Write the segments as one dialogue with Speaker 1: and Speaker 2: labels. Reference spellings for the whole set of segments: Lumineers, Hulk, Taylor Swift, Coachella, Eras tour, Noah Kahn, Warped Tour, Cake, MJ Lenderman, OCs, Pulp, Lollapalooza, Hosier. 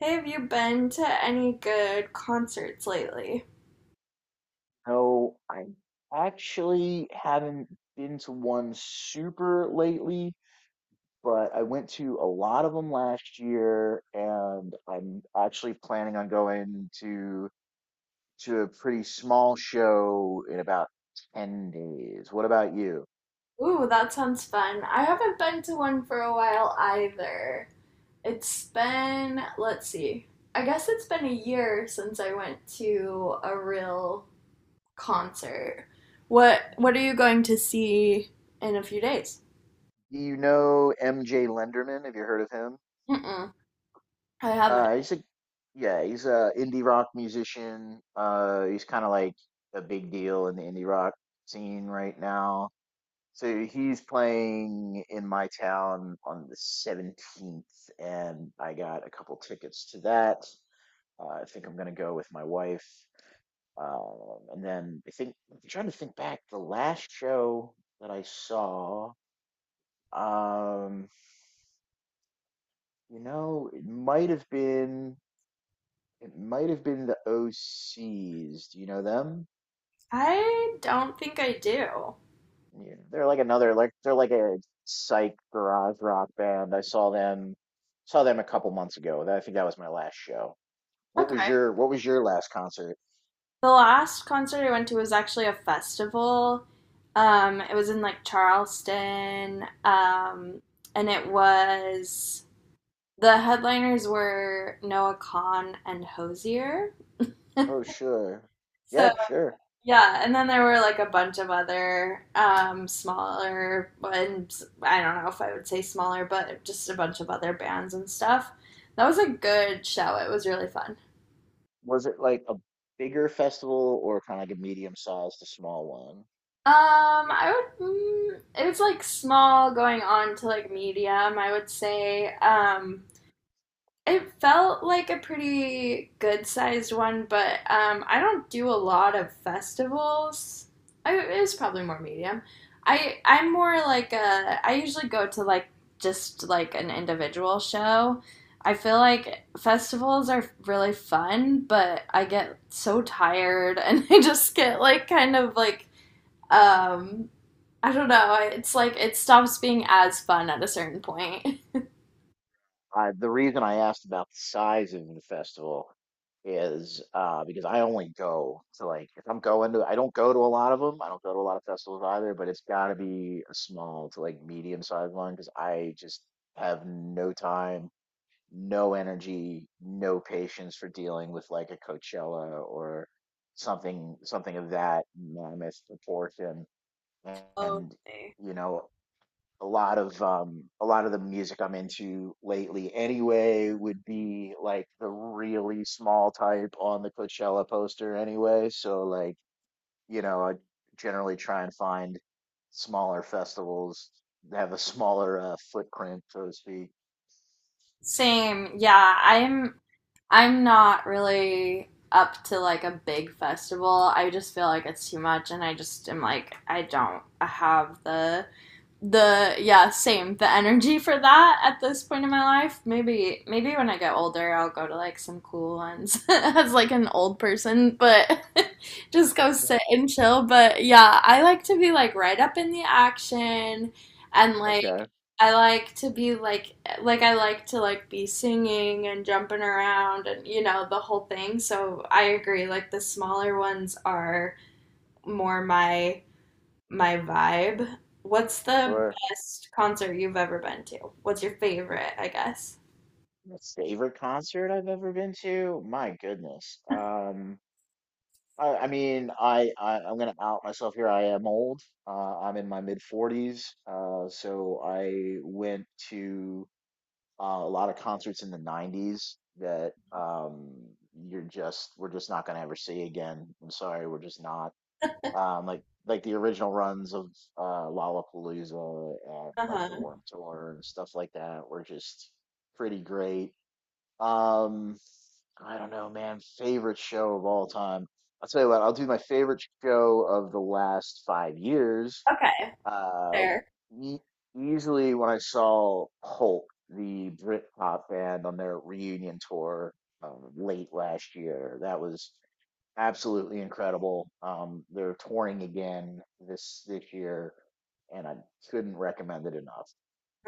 Speaker 1: Hey, have you been to any good concerts lately?
Speaker 2: No, I actually haven't been to one super lately, but I went to a lot of them last year, and I'm actually planning on going to a pretty small show in about 10 days. What about you?
Speaker 1: Ooh, that sounds fun. I haven't been to one for a while either. It's been, let's see, I guess it's been a year since I went to a real concert. What are you going to see in a few days?
Speaker 2: Do you know MJ Lenderman? Have you heard of him?
Speaker 1: Mm-mm, I haven't.
Speaker 2: He's a Yeah, he's a indie rock musician. He's kind of like a big deal in the indie rock scene right now. So he's playing in my town on the 17th, and I got a couple tickets to that. I think I'm gonna go with my wife. And then I think I'm trying to think back, the last show that I saw, um, you know, it might have been the OCs. Do you know them?
Speaker 1: I don't think I do.
Speaker 2: Yeah, they're like a psych garage rock band. I saw them a couple months ago. I think that was my last show.
Speaker 1: Okay.
Speaker 2: What was your last concert?
Speaker 1: The last concert I went to was actually a festival. It was in like Charleston, and it was the headliners were Noah Kahn and Hosier.
Speaker 2: Oh, sure.
Speaker 1: So
Speaker 2: Yeah, sure.
Speaker 1: yeah, and then there were like a bunch of other smaller ones. I don't know if I would say smaller, but just a bunch of other bands and stuff. That was a good show. It was really fun.
Speaker 2: Was it like a bigger festival or kind of like a medium sized to small one?
Speaker 1: Um, I it was like small going on to like medium, I would say. It felt like a pretty good sized one, but I don't do a lot of festivals. It was probably more medium. I'm more like a. I usually go to like just like an individual show. I feel like festivals are really fun, but I get so tired and I just get like kind of um I don't know. It's like it stops being as fun at a certain point.
Speaker 2: The reason I asked about the size of the festival is because I only go to like if I'm going to I don't go to a lot of them. I don't go to a lot of festivals either, but it's got to be a small to like medium sized one because I just have no time, no energy, no patience for dealing with like a Coachella or something of that mammoth proportion. And
Speaker 1: Okay.
Speaker 2: you know a lot of the music I'm into lately anyway would be like the really small type on the Coachella poster anyway. So like, you know, I generally try and find smaller festivals that have a smaller footprint, so to speak.
Speaker 1: Same. Yeah, I'm not really up to like a big festival. I just feel like it's too much and I just am like I don't have the yeah same the energy for that at this point in my life. Maybe maybe when I get older I'll go to like some cool ones as like an old person, but just go
Speaker 2: Yeah.
Speaker 1: sit and chill. But yeah, I like to be like right up in the action, and like
Speaker 2: Okay.
Speaker 1: I like to be like I like to like be singing and jumping around and you know the whole thing. So I agree, like the smaller ones are more my vibe. What's the
Speaker 2: Or
Speaker 1: best concert you've ever been to? What's your favorite, I guess?
Speaker 2: my favorite concert I've ever been to? My goodness. I'm gonna out myself here. I am old. I'm in my mid 40s. So I went to a lot of concerts in the 90s that you're just we're just not gonna ever see again. I'm sorry, we're just not. Like the original runs of Lollapalooza and like the
Speaker 1: Uh-huh.
Speaker 2: Warped Tour and stuff like that were just pretty great. Um, I don't know, man. Favorite show of all time. I'll tell you what, I'll do my favorite show of the last 5 years.
Speaker 1: Okay.
Speaker 2: Uh,
Speaker 1: Fair.
Speaker 2: e- easily when I saw Hulk, the Britpop band, on their reunion tour late last year. That was absolutely incredible. They're touring again this year, and I couldn't recommend it enough.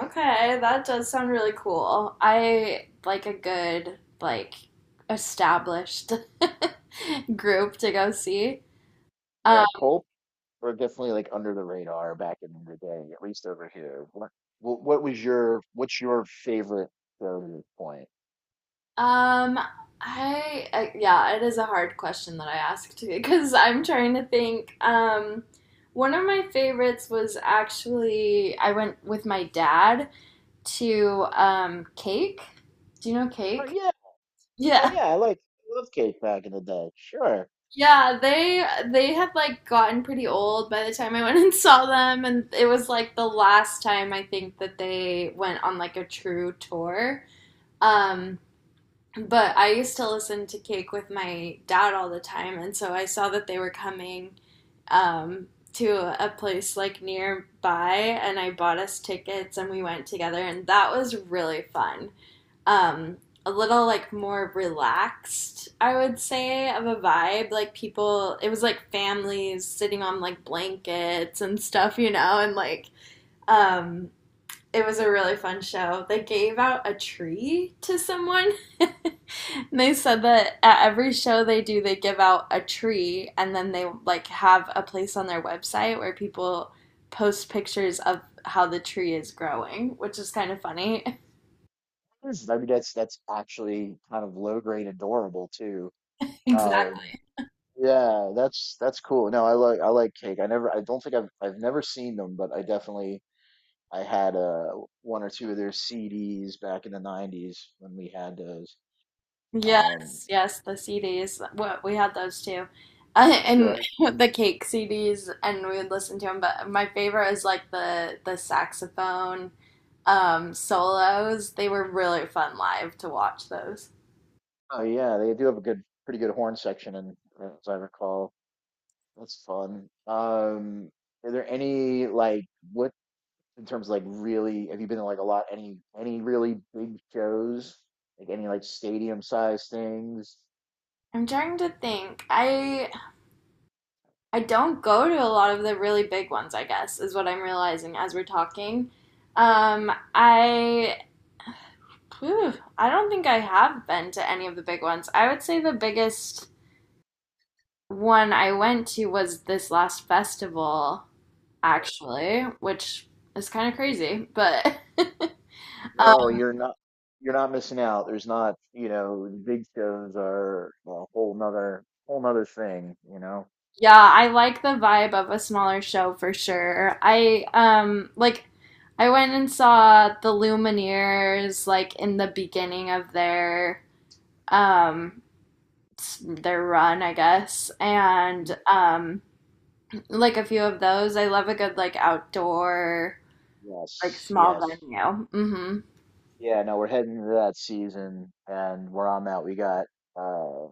Speaker 1: Okay, that does sound really cool. I like a good, like, established group to go see. Um,
Speaker 2: Yeah, Pulp were definitely like under the radar back in the day, at least over here. What was your What's your favorite show to this point?
Speaker 1: um, I yeah, it is a hard question that I asked, because I'm trying to think. One of my favorites was actually I went with my dad to Cake. Do you know
Speaker 2: Oh
Speaker 1: Cake?
Speaker 2: yeah, oh
Speaker 1: Yeah.
Speaker 2: yeah, I love Cake back in the day. Sure.
Speaker 1: Yeah, they had like gotten pretty old by the time I went and saw them, and it was like the last time I think that they went on like a true tour. Um but I used to listen to Cake with my dad all the time, and so I saw that they were coming um to a place like nearby, and I bought us tickets and we went together, and that was really fun. um, a little like more relaxed, I would say, of a vibe. Like people, it was like families sitting on like blankets and stuff, you know, and um, it was a really fun show. They gave out a tree to someone. And they said that at every show they do, they give out a tree, and then they like have a place on their website where people post pictures of how the tree is growing, which is kind of funny.
Speaker 2: I mean that's actually kind of low grade adorable too. Um,
Speaker 1: Exactly.
Speaker 2: yeah, that's cool. No, I like Cake. I don't think I've never seen them, but I definitely I had one or two of their CDs back in the '90s when we had those. Um,
Speaker 1: Yes, yes, the CDs. What we had those too, and the cake CDs, and we would listen to them. But my favorite is like the saxophone solos. They were really fun live to watch those.
Speaker 2: Oh yeah, they do have a good, pretty good horn section, and as I recall, that's fun. Are there any like what in terms of like really? Have you been to like a lot? Any really big shows? Like any like stadium size things?
Speaker 1: I'm trying to think. I don't go to a lot of the really big ones, I guess is what I'm realizing as we're talking. Um, I whew, I don't think I have been to any of the big ones. I would say the biggest one I went to was this last festival, actually, which is kind of crazy, but
Speaker 2: No,
Speaker 1: um,
Speaker 2: you're not. You're not missing out. There's not, you know, the big shows are a whole nother thing, you know.
Speaker 1: yeah, I like the vibe of a smaller show for sure. I went and saw the Lumineers like in the beginning of their um their run, I guess,
Speaker 2: Mhm.
Speaker 1: and like a few of those. I love a good like outdoor like
Speaker 2: Yes,
Speaker 1: small
Speaker 2: yes.
Speaker 1: venue. Mm-hmm.
Speaker 2: Yeah, no, we're heading into that season, and where I'm at, we got uh,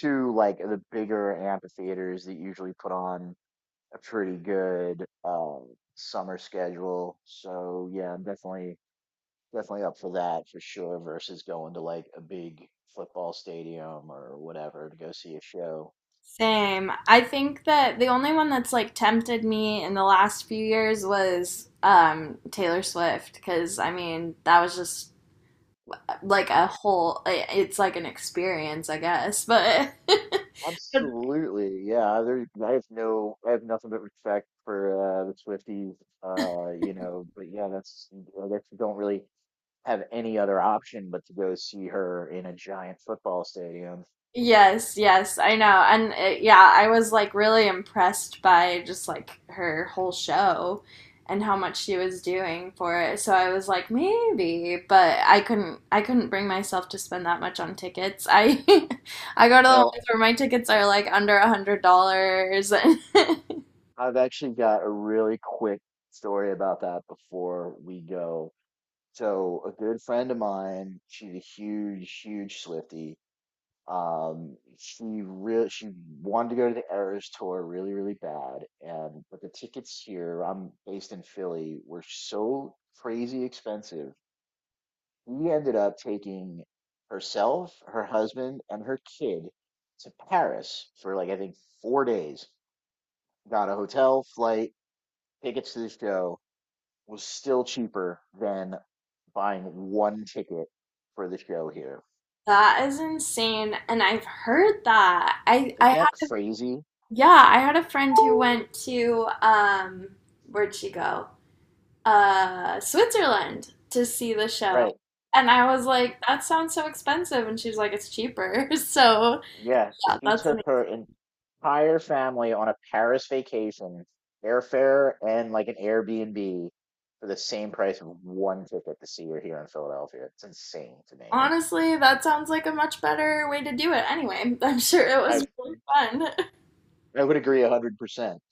Speaker 2: two like the bigger amphitheaters that usually put on a pretty good summer schedule. So yeah, I'm definitely up for that for sure. Versus going to like a big football stadium or whatever to go see a show.
Speaker 1: Same. I think that the only one that's like tempted me in the last few years was Taylor Swift, because I mean that was just like a whole, it's like an experience, I guess, but
Speaker 2: Absolutely, yeah. I have I have nothing but respect for the Swifties. You know, but yeah, that's I guess you don't really have any other option but to go see her in a giant football stadium.
Speaker 1: yes, yes, I know. And yeah, I was like really impressed by just like her whole show and how much she was doing for it. So I was like maybe, but I couldn't bring myself to spend that much on tickets. I I go
Speaker 2: You
Speaker 1: to the
Speaker 2: know,
Speaker 1: ones where my tickets are like under $100.
Speaker 2: I've actually got a really quick story about that before we go. So, a good friend of mine, she's a huge, huge Swifty. She wanted to go to the Eras tour really, really bad, and but the tickets here, I'm based in Philly, were so crazy expensive we ended up taking herself, her husband, and her kid to Paris for like I think 4 days. Got a hotel, flight, tickets to the show was still cheaper than buying one ticket for the show here.
Speaker 1: That is insane, and I've heard that. I
Speaker 2: Isn't that
Speaker 1: had
Speaker 2: crazy?
Speaker 1: yeah, I had a friend who went to where'd she go? Uh, Switzerland to see the show.
Speaker 2: Right.
Speaker 1: And I was like, that sounds so expensive. And she's like, it's cheaper. So,
Speaker 2: Yeah.
Speaker 1: yeah,
Speaker 2: She
Speaker 1: that's amazing.
Speaker 2: took her entire family on a Paris vacation, airfare and like an Airbnb for the same price of one ticket to see her here in Philadelphia. It's insane to me.
Speaker 1: Honestly, that sounds like a much better way to do it. Anyway, I'm sure it
Speaker 2: I
Speaker 1: was really fun.
Speaker 2: I would agree 100%.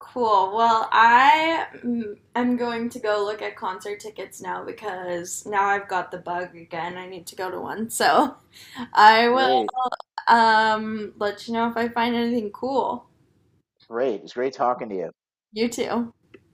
Speaker 1: Cool. Well, I am going to go look at concert tickets now, because now I've got the bug again. I need to go to one. So, I will
Speaker 2: Great,
Speaker 1: let you know if I find anything cool.
Speaker 2: great. It's great talking to you.
Speaker 1: You too.